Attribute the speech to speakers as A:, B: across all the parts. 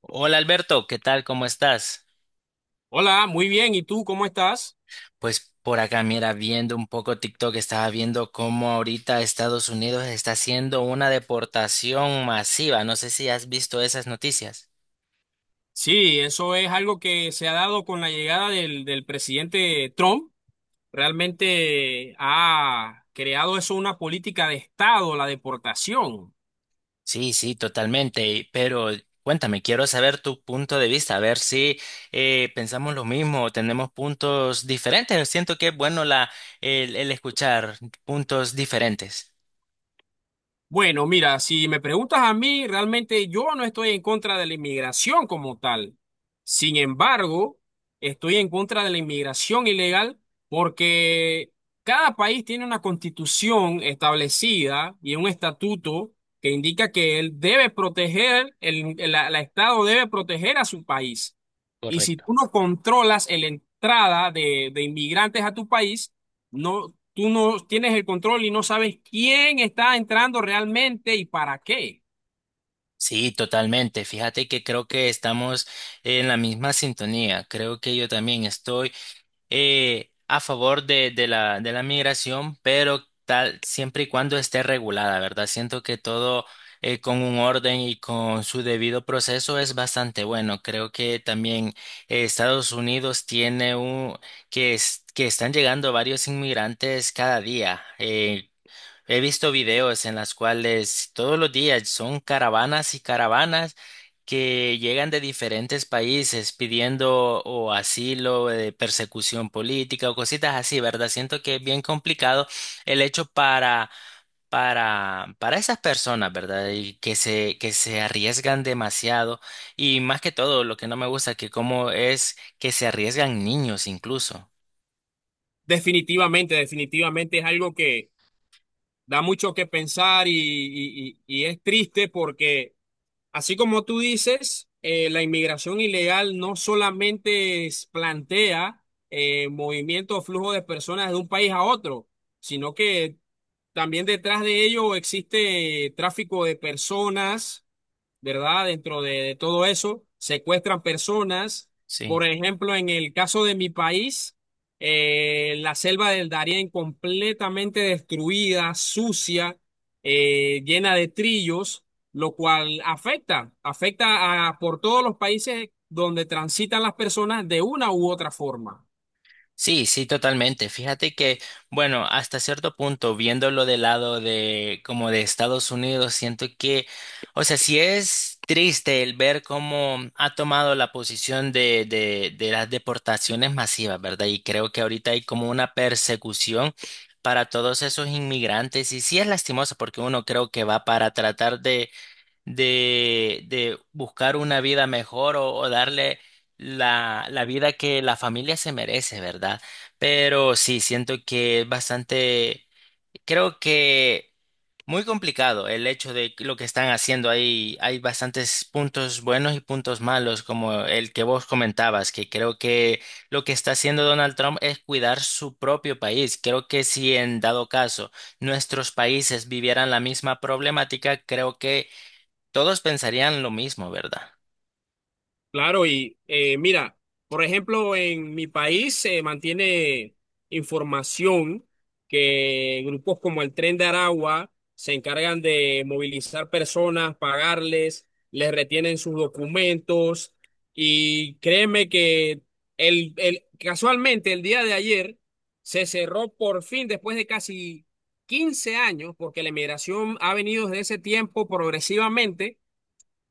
A: Hola Alberto, ¿qué tal? ¿Cómo estás?
B: Hola, muy bien. ¿Y tú cómo estás?
A: Pues por acá, mira, viendo un poco TikTok, estaba viendo cómo ahorita Estados Unidos está haciendo una deportación masiva. No sé si has visto esas noticias.
B: Sí, eso es algo que se ha dado con la llegada del presidente Trump. Realmente ha creado eso una política de Estado, la deportación.
A: Sí, sí, totalmente. Pero cuéntame, quiero saber tu punto de vista, a ver si pensamos lo mismo o tenemos puntos diferentes. Siento que es bueno el escuchar puntos diferentes.
B: Bueno, mira, si me preguntas a mí, realmente yo no estoy en contra de la inmigración como tal. Sin embargo, estoy en contra de la inmigración ilegal porque cada país tiene una constitución establecida y un estatuto que indica que él debe proteger, la Estado debe proteger a su país. Y si
A: Correcto.
B: tú no controlas la entrada de inmigrantes a tu país, no, tú no tienes el control y no sabes quién está entrando realmente y para qué.
A: Sí, totalmente. Fíjate que creo que estamos en la misma sintonía. Creo que yo también estoy a favor de la migración, pero tal siempre y cuando esté regulada, ¿verdad? Siento que todo con un orden y con su debido proceso es bastante bueno. Creo que también Estados Unidos tiene un que están llegando varios inmigrantes cada día. He visto videos en las cuales todos los días son caravanas y caravanas que llegan de diferentes países pidiendo o asilo, persecución política o cositas así, ¿verdad? Siento que es bien complicado el hecho para esas personas, ¿verdad? Y que se arriesgan demasiado y más que todo lo que no me gusta que cómo es que se arriesgan niños incluso.
B: Definitivamente, definitivamente es algo que da mucho que pensar y es triste porque, así como tú dices, la inmigración ilegal no solamente plantea movimiento o flujo de personas de un país a otro, sino que también detrás de ello existe tráfico de personas, ¿verdad? Dentro de todo eso, secuestran personas.
A: Sí.
B: Por ejemplo, en el caso de mi país, la selva del Darién completamente destruida, sucia, llena de trillos, lo cual afecta a, por todos los países donde transitan las personas de una u otra forma.
A: Sí, sí, totalmente. Fíjate que, bueno, hasta cierto punto, viéndolo del lado de como de Estados Unidos, siento que, o sea, sí es triste el ver cómo ha tomado la posición de las deportaciones masivas, ¿verdad? Y creo que ahorita hay como una persecución para todos esos inmigrantes y sí es lastimoso porque uno creo que va para tratar de buscar una vida mejor o darle la vida que la familia se merece, ¿verdad? Pero sí, siento que es bastante, creo que muy complicado el hecho de lo que están haciendo ahí. Hay bastantes puntos buenos y puntos malos, como el que vos comentabas, que creo que lo que está haciendo Donald Trump es cuidar su propio país. Creo que si en dado caso nuestros países vivieran la misma problemática, creo que todos pensarían lo mismo, ¿verdad?
B: Claro, y mira, por ejemplo, en mi país se mantiene información que grupos como el Tren de Aragua se encargan de movilizar personas, pagarles, les retienen sus documentos y créeme que casualmente el día de ayer se cerró por fin después de casi 15 años, porque la inmigración ha venido desde ese tiempo progresivamente.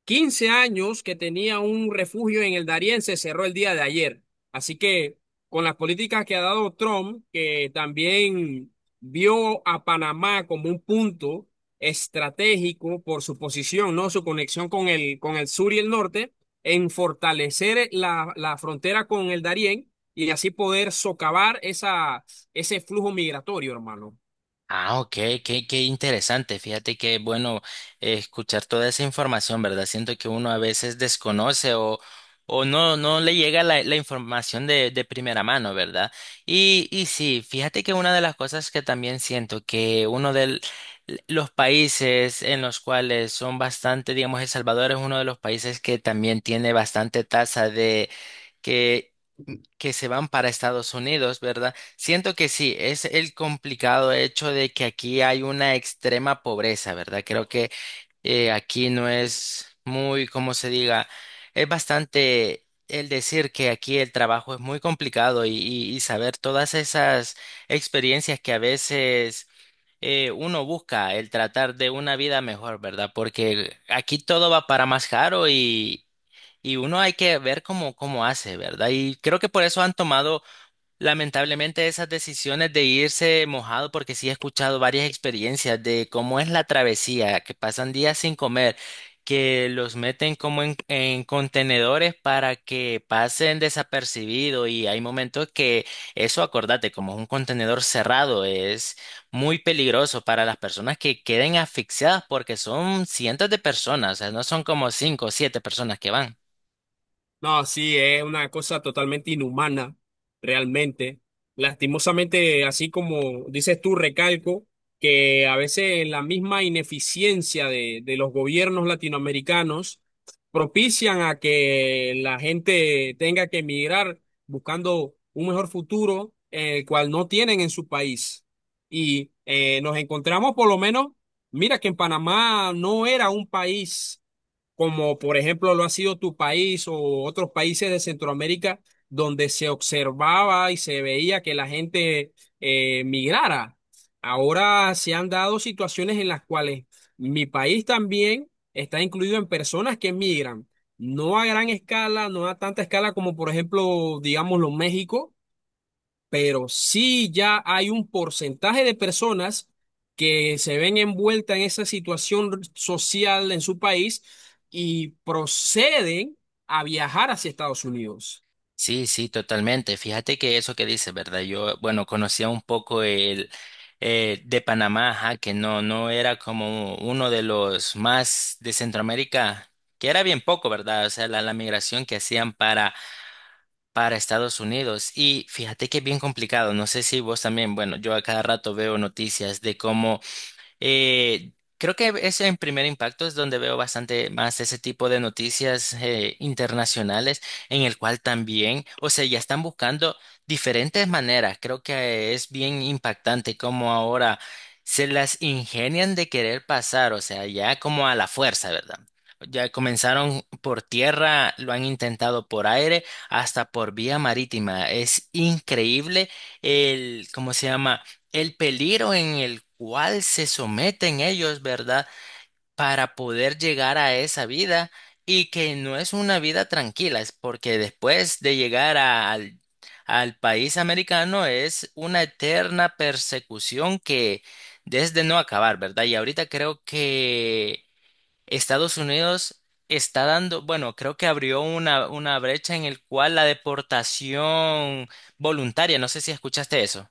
B: 15 años que tenía un refugio en el Darién se cerró el día de ayer. Así que con las políticas que ha dado Trump, que también vio a Panamá como un punto estratégico por su posición, ¿no? Su conexión con el sur y el norte, en fortalecer la frontera con el Darién y así poder socavar ese flujo migratorio, hermano.
A: Ah, ok, qué, qué interesante. Fíjate que bueno escuchar toda esa información, ¿verdad? Siento que uno a veces desconoce o no, no le llega la información de primera mano, ¿verdad? Y sí, fíjate que una de las cosas que también siento que uno de los países en los cuales son bastante, digamos, El Salvador es uno de los países que también tiene bastante tasa de... que que se van para Estados Unidos, ¿verdad? Siento que sí, es el complicado hecho de que aquí hay una extrema pobreza, ¿verdad? Creo que aquí no es muy, como se diga, es bastante el decir que aquí el trabajo es muy complicado y, y saber todas esas experiencias que a veces... uno busca el tratar de una vida mejor, ¿verdad? Porque aquí todo va para más caro y uno hay que ver cómo, cómo hace, ¿verdad? Y creo que por eso han tomado lamentablemente esas decisiones de irse mojado, porque sí he escuchado varias experiencias de cómo es la travesía, que pasan días sin comer, que los meten como en contenedores para que pasen desapercibido y hay momentos que eso, acordate, como es un contenedor cerrado, es muy peligroso para las personas que queden asfixiadas porque son cientos de personas, o sea, no son como cinco o siete personas que van.
B: No, sí, es una cosa totalmente inhumana, realmente. Lastimosamente, así como dices tú, recalco que a veces la misma ineficiencia de los gobiernos latinoamericanos propician a que la gente tenga que emigrar buscando un mejor futuro, el cual no tienen en su país. Y nos encontramos por lo menos, mira que en Panamá no era un país como por ejemplo lo ha sido tu país o otros países de Centroamérica, donde se observaba y se veía que la gente migrara. Ahora se han dado situaciones en las cuales mi país también está incluido en personas que migran, no a gran escala, no a tanta escala como por ejemplo, digámoslo, México, pero sí ya hay un porcentaje de personas que se ven envueltas en esa situación social en su país y proceden a viajar hacia Estados Unidos.
A: Sí, sí, totalmente. Fíjate que eso que dices, ¿verdad? Yo, bueno, conocía un poco el de Panamá, ajá, que no, no era como uno de los más de Centroamérica, que era bien poco, ¿verdad? O sea, la migración que hacían para Estados Unidos. Y fíjate que es bien complicado. No sé si vos también, bueno, yo a cada rato veo noticias de cómo creo que es en Primer Impacto es donde veo bastante más ese tipo de noticias internacionales, en el cual también, o sea, ya están buscando diferentes maneras. Creo que es bien impactante cómo ahora se las ingenian de querer pasar, o sea, ya como a la fuerza, ¿verdad? Ya comenzaron por tierra, lo han intentado por aire, hasta por vía marítima. Es increíble el, ¿cómo se llama? El peligro en el cual se someten ellos, ¿verdad? Para poder llegar a esa vida y que no es una vida tranquila, es porque después de llegar al país americano es una eterna persecución que desde no acabar, ¿verdad? Y ahorita creo que Estados Unidos está dando, bueno, creo que abrió una brecha en el cual la deportación voluntaria, no sé si escuchaste eso.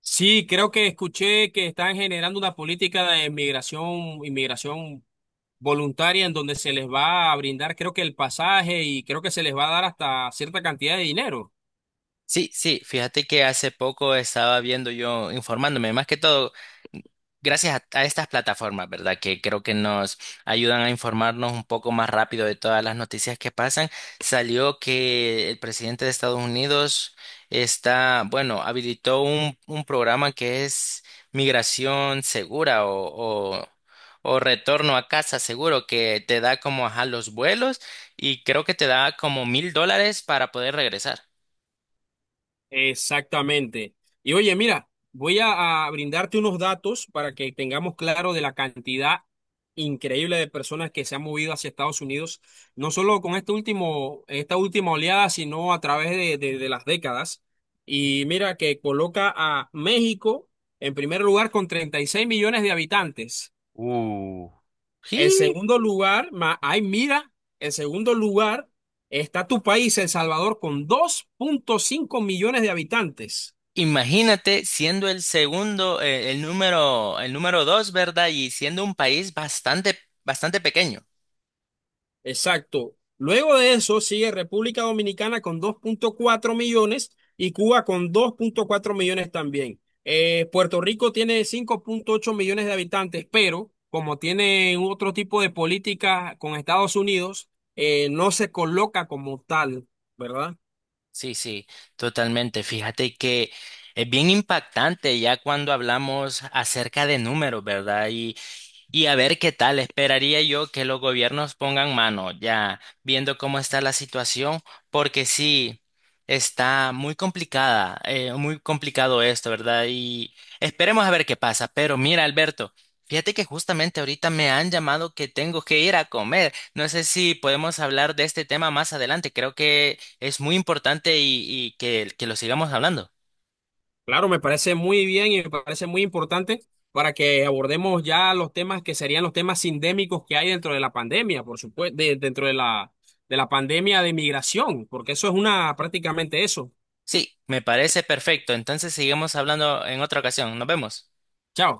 B: Sí, creo que escuché que están generando una política de migración, inmigración voluntaria en donde se les va a brindar, creo que el pasaje y creo que se les va a dar hasta cierta cantidad de dinero.
A: Sí, sí, fíjate que hace poco estaba viendo yo, informándome, más que todo, gracias a estas plataformas, ¿verdad? Que creo que nos ayudan a informarnos un poco más rápido de todas las noticias que pasan. Salió que el presidente de Estados Unidos está, bueno, habilitó un programa que es migración segura o retorno a casa seguro, que te da como, ajá, los vuelos y creo que te da como $1,000 para poder regresar.
B: Exactamente. Y oye, mira, voy a brindarte unos datos para que tengamos claro de la cantidad increíble de personas que se han movido hacia Estados Unidos, no solo con este último, esta última oleada, sino a través de las décadas. Y mira que coloca a México en primer lugar con 36 millones de habitantes. El segundo ay, mira, el segundo lugar está tu país, El Salvador, con 2.5 millones de habitantes.
A: Imagínate siendo el segundo, el número 2, ¿verdad? Y siendo un país bastante, bastante pequeño.
B: Exacto. Luego de eso sigue República Dominicana con 2.4 millones y Cuba con 2.4 millones también. Puerto Rico tiene 5.8 millones de habitantes, pero como tiene otro tipo de política con Estados Unidos, no se coloca como tal, ¿verdad?
A: Sí, sí, totalmente. Fíjate que es bien impactante ya cuando hablamos acerca de números, ¿verdad? Y a ver qué tal, esperaría yo que los gobiernos pongan mano, ya viendo cómo está la situación, porque sí, está muy complicada, muy complicado esto, ¿verdad? Y esperemos a ver qué pasa. Pero mira, Alberto, fíjate que justamente ahorita me han llamado que tengo que ir a comer. No sé si podemos hablar de este tema más adelante, creo que es muy importante y que lo sigamos hablando.
B: Claro, me parece muy bien y me parece muy importante para que abordemos ya los temas que serían los temas sindémicos que hay dentro de la pandemia, por supuesto, dentro de la pandemia de migración, porque eso es una prácticamente eso.
A: Sí, me parece perfecto. Entonces sigamos hablando en otra ocasión. Nos vemos.
B: Chao.